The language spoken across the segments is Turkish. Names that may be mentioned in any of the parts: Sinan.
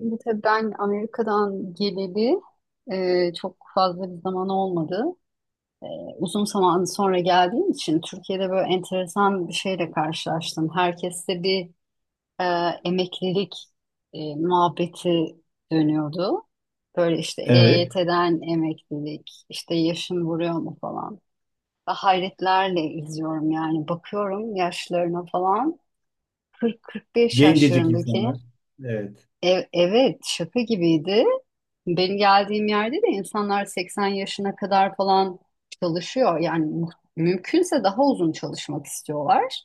Şimdi tabii ben Amerika'dan geleli çok fazla bir zaman olmadı. Uzun zaman sonra geldiğim için Türkiye'de böyle enteresan bir şeyle karşılaştım. Herkeste bir e, emeklilik muhabbeti dönüyordu. Böyle işte Evet. EYT'den emeklilik, işte yaşın vuruyor mu falan. Ve hayretlerle izliyorum yani bakıyorum yaşlarına falan. 40-45 Gencecik yaşlarındaki insanlar. Evet. Evet, şaka gibiydi. Benim geldiğim yerde de insanlar 80 yaşına kadar falan çalışıyor. Yani mümkünse daha uzun çalışmak istiyorlar.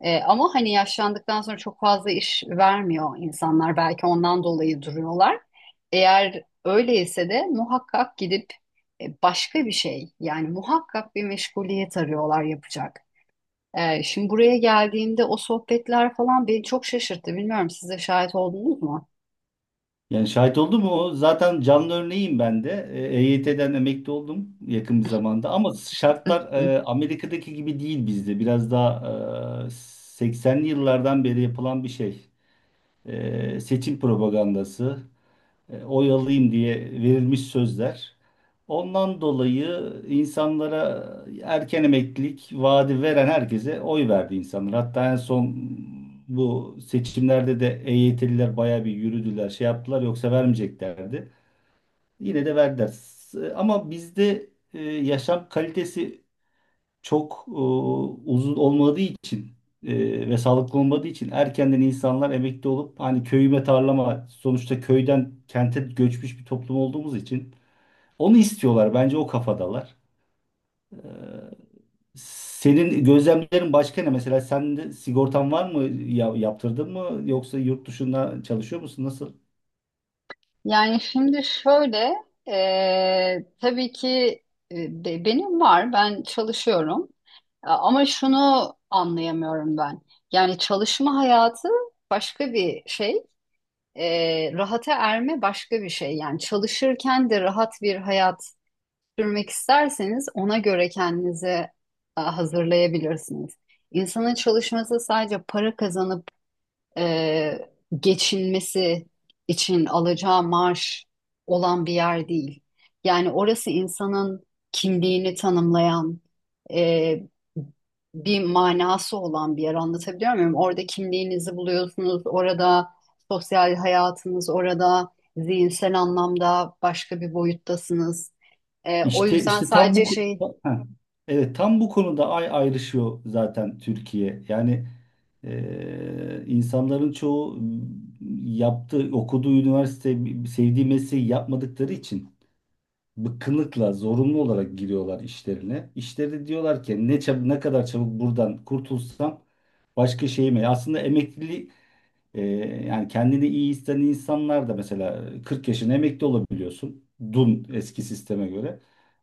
Ama hani yaşlandıktan sonra çok fazla iş vermiyor insanlar. Belki ondan dolayı duruyorlar. Eğer öyleyse de muhakkak gidip başka bir şey yani muhakkak bir meşguliyet arıyorlar yapacak. Şimdi buraya geldiğimde o sohbetler falan beni çok şaşırttı. Bilmiyorum siz de şahit oldunuz mu? Yani şahit oldum o? Zaten canlı örneğim ben de. EYT'den emekli oldum yakın bir zamanda. Ama şartlar Amerika'daki gibi değil bizde. Biraz daha 80'li yıllardan beri yapılan bir şey. Seçim propagandası. Oyalayayım diye verilmiş sözler. Ondan dolayı insanlara erken emeklilik vaadi veren herkese oy verdi insanlar. Hatta en son bu seçimlerde de EYT'liler bayağı bir yürüdüler, şey yaptılar yoksa vermeyeceklerdi. Yine de verdiler. Ama bizde yaşam kalitesi çok uzun olmadığı için e, ve sağlıklı olmadığı için erkenden insanlar emekli olup hani köyüme tarlama sonuçta köyden kente göçmüş bir toplum olduğumuz için onu istiyorlar. Bence o kafadalar. E, senin gözlemlerin başka ne? Mesela sen de sigortan var mı? Ya, yaptırdın mı? Yoksa yurt dışında çalışıyor musun? Nasıl? Yani şimdi şöyle, tabii ki benim var, ben çalışıyorum. Ama şunu anlayamıyorum ben. Yani çalışma hayatı başka bir şey, rahata erme başka bir şey. Yani çalışırken de rahat bir hayat sürmek isterseniz ona göre kendinizi hazırlayabilirsiniz. İnsanın çalışması sadece para kazanıp e, geçinmesi için alacağı maaş olan bir yer değil. Yani orası insanın kimliğini tanımlayan, e, bir manası olan bir yer, anlatabiliyor muyum? Orada kimliğinizi buluyorsunuz, orada sosyal hayatınız, orada zihinsel anlamda başka bir boyuttasınız. O İşte yüzden işte tam bu sadece şey, ko- ha, evet, tam bu konuda ayrışıyor zaten Türkiye. Yani insanların çoğu yaptığı okuduğu üniversite sevdiği mesleği yapmadıkları için bıkkınlıkla zorunlu olarak giriyorlar işlerine. İşleri diyorlar ki ne kadar çabuk buradan kurtulsam başka şeyime. Aslında emekli ee, yani kendini iyi hisseden insanlar da mesela 40 yaşına emekli olabiliyorsun. Dun eski sisteme göre.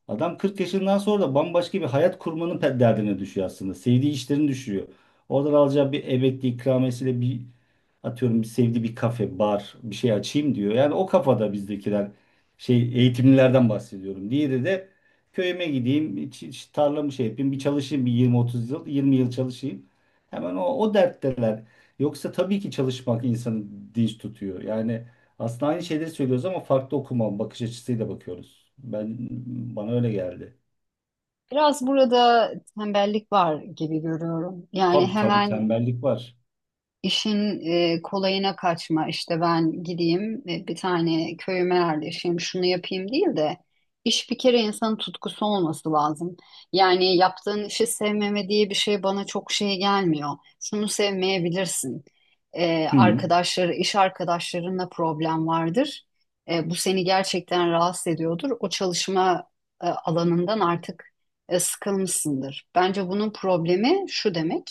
Adam 40 yaşından sonra da bambaşka bir hayat kurmanın derdine düşüyor aslında. Sevdiği işlerin düşüyor. Oradan alacağı bir emekli ikramiyesiyle bir atıyorum bir sevdiği bir kafe, bar bir şey açayım diyor. Yani o kafada bizdekiler şey eğitimlilerden bahsediyorum. Diğeri de köyüme gideyim, tarlamı şey yapayım, bir çalışayım bir 20-30 yıl, 20 yıl çalışayım. Hemen o dertteler. Yoksa tabii ki çalışmak insanı dinç tutuyor. Yani aslında aynı şeyleri söylüyoruz ama farklı okuma bakış açısıyla bakıyoruz. Ben bana öyle geldi. biraz burada tembellik var gibi görüyorum. Yani Tabii, hemen tembellik var. İşin kolayına kaçma, işte ben gideyim bir tane köyüme yerleşeyim şunu yapayım değil de, iş bir kere insanın tutkusu olması lazım. Yani yaptığın işi sevmeme diye bir şey bana çok şey gelmiyor. Şunu sevmeyebilirsin. Hı. Arkadaşları, iş arkadaşlarınla problem vardır. Bu seni gerçekten rahatsız ediyordur. O çalışma alanından artık sıkılmışsındır. Bence bunun problemi şu demek.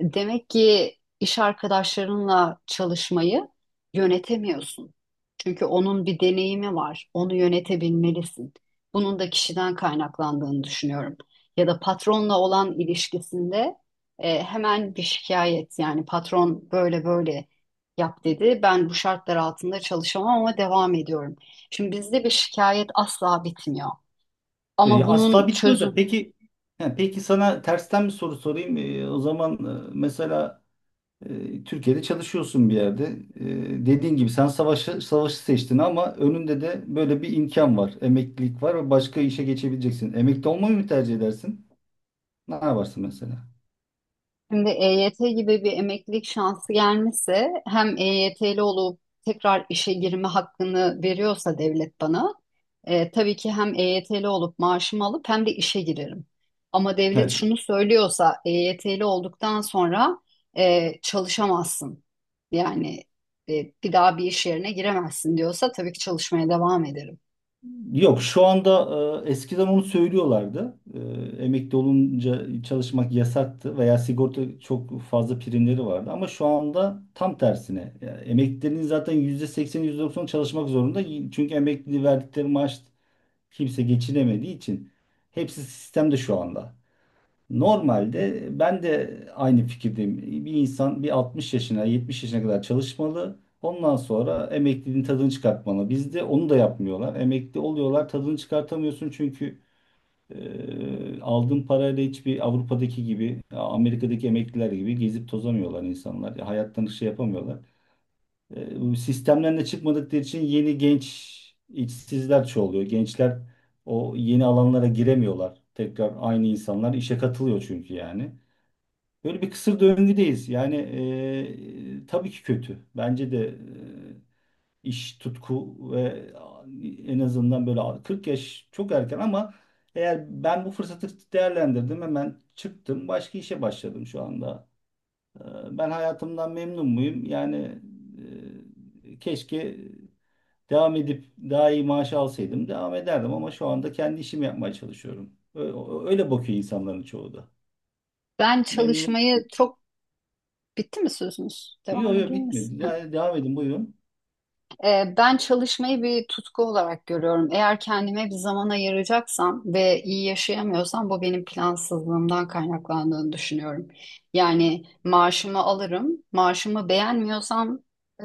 Demek ki iş arkadaşlarınla çalışmayı yönetemiyorsun. Çünkü onun bir deneyimi var. Onu yönetebilmelisin. Bunun da kişiden kaynaklandığını düşünüyorum. Ya da patronla olan ilişkisinde hemen bir şikayet, yani patron böyle böyle yap dedi. Ben bu şartlar altında çalışamam ama devam ediyorum. Şimdi bizde bir şikayet asla bitmiyor. Ama bunun Asla bitmiyor da çözüm peki he, peki sana tersten bir soru sorayım. O zaman mesela Türkiye'de çalışıyorsun bir yerde. Dediğin gibi sen savaşı seçtin ama önünde de böyle bir imkan var. Emeklilik var ve başka işe geçebileceksin. Emekli olmayı mı tercih edersin? Ne yaparsın mesela? şimdi EYT gibi bir emeklilik şansı gelmesi, hem EYT'li olup tekrar işe girme hakkını veriyorsa devlet bana, tabii ki hem EYT'li olup maaşımı alıp hem de işe girerim. Ama devlet Evet. şunu söylüyorsa EYT'li olduktan sonra çalışamazsın. Yani bir daha bir iş yerine giremezsin diyorsa tabii ki çalışmaya devam ederim. Yok şu anda eskiden onu söylüyorlardı. Emekli olunca çalışmak yasaktı veya sigorta çok fazla primleri vardı. Ama şu anda tam tersine. Yani emeklilerin zaten %80 %90 çalışmak zorunda. Çünkü emekli verdikleri maaş kimse geçinemediği için. Hepsi sistemde şu anda. Normalde ben de aynı fikirdeyim. Bir insan bir 60 yaşına, 70 yaşına kadar çalışmalı. Ondan sonra emekliliğin tadını çıkartmalı. Bizde onu da yapmıyorlar. Emekli oluyorlar, tadını çıkartamıyorsun çünkü aldığın parayla hiçbir Avrupa'daki gibi, Amerika'daki emekliler gibi gezip tozamıyorlar insanlar. Hayattan şey yapamıyorlar. Bu sistemden de çıkmadıkları için yeni genç işsizler çoğalıyor. Gençler o yeni alanlara giremiyorlar. Tekrar aynı insanlar işe katılıyor çünkü yani. Böyle bir kısır döngüdeyiz. Yani tabii ki kötü. Bence de iş tutku ve en azından böyle 40 yaş çok erken ama eğer ben bu fırsatı değerlendirdim hemen çıktım başka işe başladım şu anda. E, ben hayatımdan memnun muyum? Yani keşke devam edip daha iyi maaş alsaydım devam ederdim ama şu anda kendi işimi yapmaya çalışıyorum. Öyle bakıyor insanların çoğu da. Ben Memnun. çalışmayı çok, bitti mi sözünüz? Yok Devam yok, edeyim mi? bitmedi. Ya, devam edin buyurun. Ben çalışmayı bir tutku olarak görüyorum. Eğer kendime bir zaman ayıracaksam ve iyi yaşayamıyorsam bu benim plansızlığımdan kaynaklandığını düşünüyorum. Yani maaşımı alırım, maaşımı beğenmiyorsam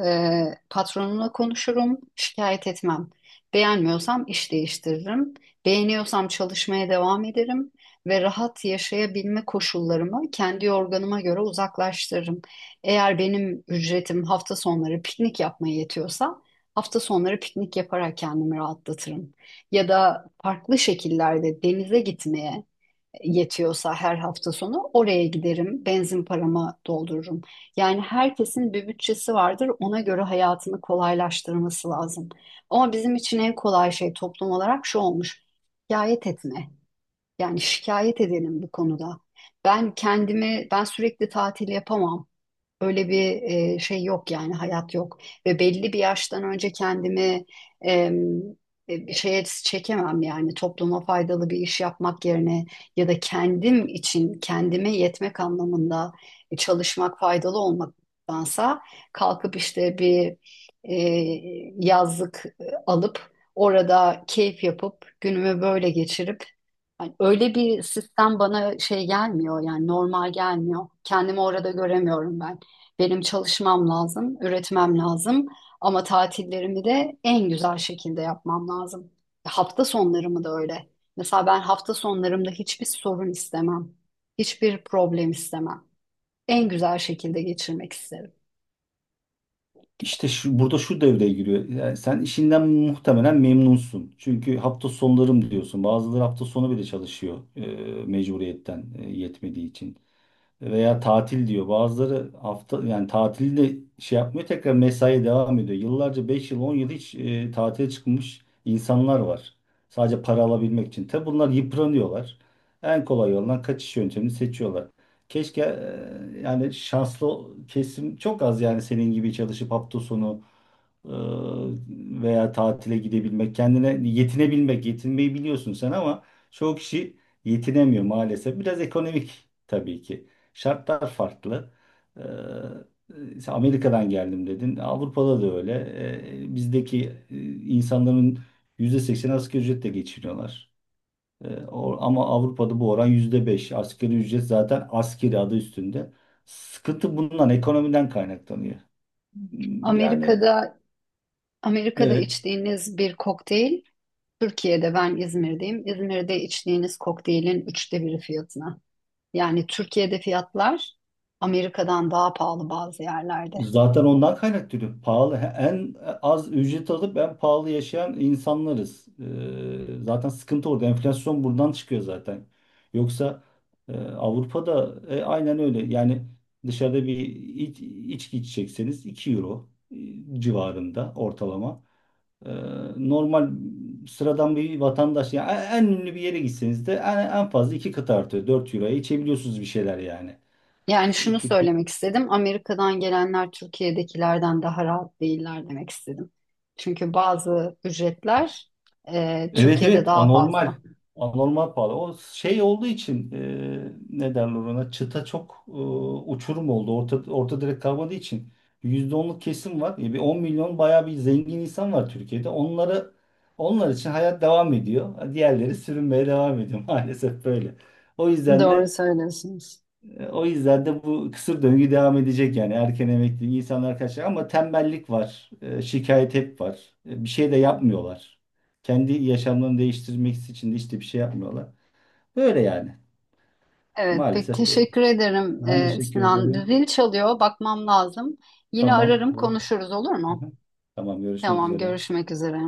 e, patronumla konuşurum, şikayet etmem. Beğenmiyorsam iş değiştiririm, beğeniyorsam çalışmaya devam ederim ve rahat yaşayabilme koşullarımı kendi organıma göre uzaklaştırırım. Eğer benim ücretim hafta sonları piknik yapmaya yetiyorsa, hafta sonları piknik yaparak kendimi rahatlatırım. Ya da farklı şekillerde denize gitmeye yetiyorsa her hafta sonu oraya giderim, benzin paramı doldururum. Yani herkesin bir bütçesi vardır, ona göre hayatını kolaylaştırması lazım. Ama bizim için en kolay şey toplum olarak şu olmuş, şikayet etme. Yani şikayet edelim bu konuda. Ben kendimi, ben sürekli tatil yapamam. Öyle bir şey yok, yani hayat yok, ve belli bir yaştan önce kendimi em, bir şeye çekemem, yani topluma faydalı bir iş yapmak yerine, ya da kendim için kendime yetmek anlamında çalışmak faydalı olmaktansa kalkıp işte bir e, yazlık alıp orada keyif yapıp günümü böyle geçirip, hani öyle bir sistem bana şey gelmiyor, yani normal gelmiyor, kendimi orada göremiyorum ben. Benim çalışmam lazım, üretmem lazım, ama tatillerimi de en güzel şekilde yapmam lazım. Hafta sonlarımı da öyle. Mesela ben hafta sonlarımda hiçbir sorun istemem. Hiçbir problem istemem. En güzel şekilde geçirmek isterim. İşte şu, burada şu devreye giriyor. Yani sen işinden muhtemelen memnunsun. Çünkü hafta sonlarım diyorsun. Bazıları hafta sonu bile çalışıyor mecburiyetten yetmediği için. Veya tatil diyor. Bazıları hafta yani tatili de şey yapmıyor, tekrar mesaiye devam ediyor. Yıllarca 5 yıl 10 yıl hiç tatile çıkmış insanlar var. Sadece para alabilmek için. Tabi bunlar yıpranıyorlar. En kolay yoldan kaçış yöntemini seçiyorlar. Keşke yani şanslı kesim çok az yani senin gibi çalışıp hafta sonu e, veya tatile gidebilmek, kendine yetinebilmek, yetinmeyi biliyorsun sen ama çoğu kişi yetinemiyor maalesef. Biraz ekonomik tabii ki. Şartlar farklı. Sen Amerika'dan geldim dedin. Avrupa'da da öyle. Bizdeki insanların %80 asgari ücretle geçiniyorlar. Ama Avrupa'da bu oran %5. Asgari ücret zaten askeri adı üstünde. Sıkıntı bundan, ekonomiden kaynaklanıyor. Hmm, yani Amerika'da Amerika'da evet. içtiğiniz bir kokteyl, Türkiye'de, ben İzmir'deyim, İzmir'de içtiğiniz kokteylin üçte biri fiyatına. Yani Türkiye'de fiyatlar Amerika'dan daha pahalı bazı yerlerde. Zaten ondan kaynaklanıyor. Pahalı en az ücret alıp en pahalı yaşayan insanlarız. Zaten sıkıntı orada. Enflasyon buradan çıkıyor zaten. Yoksa Avrupa'da aynen öyle. Yani dışarıda içki içecekseniz 2 euro civarında ortalama. Ee, normal sıradan bir vatandaş yani en ünlü bir yere gitseniz de en fazla iki kat artıyor. 4 euroya içebiliyorsunuz bir şeyler yani. Yani şunu söylemek istedim. Amerika'dan gelenler Türkiye'dekilerden daha rahat değiller demek istedim. Çünkü bazı ücretler Evet Türkiye'de evet, daha anormal. fazla. Anormal pahalı. O şey olduğu için ne derler ona çıta çok uçurum oldu. Orta direkt kalmadığı için yüzde onluk kesim var. Bir 10 milyon bayağı bir zengin insan var Türkiye'de. Onları onlar için hayat devam ediyor. Diğerleri sürünmeye devam ediyor. Maalesef böyle. O yüzden Doğru de söylüyorsunuz. O yüzden de bu kısır döngü devam edecek yani erken emekli insanlar kaçacak ama tembellik var, şikayet hep var. E, bir şey de yapmıyorlar. Kendi yaşamlarını değiştirmek için de işte bir şey yapmıyorlar. Böyle yani. Evet, pek Maalesef böyle. teşekkür ederim Ben teşekkür Sinan. ederim. Zil çalıyor, bakmam lazım. Yine Tamam. ararım, konuşuruz, olur Hı mu? hı. Tamam, görüşmek Tamam, üzere. görüşmek üzere.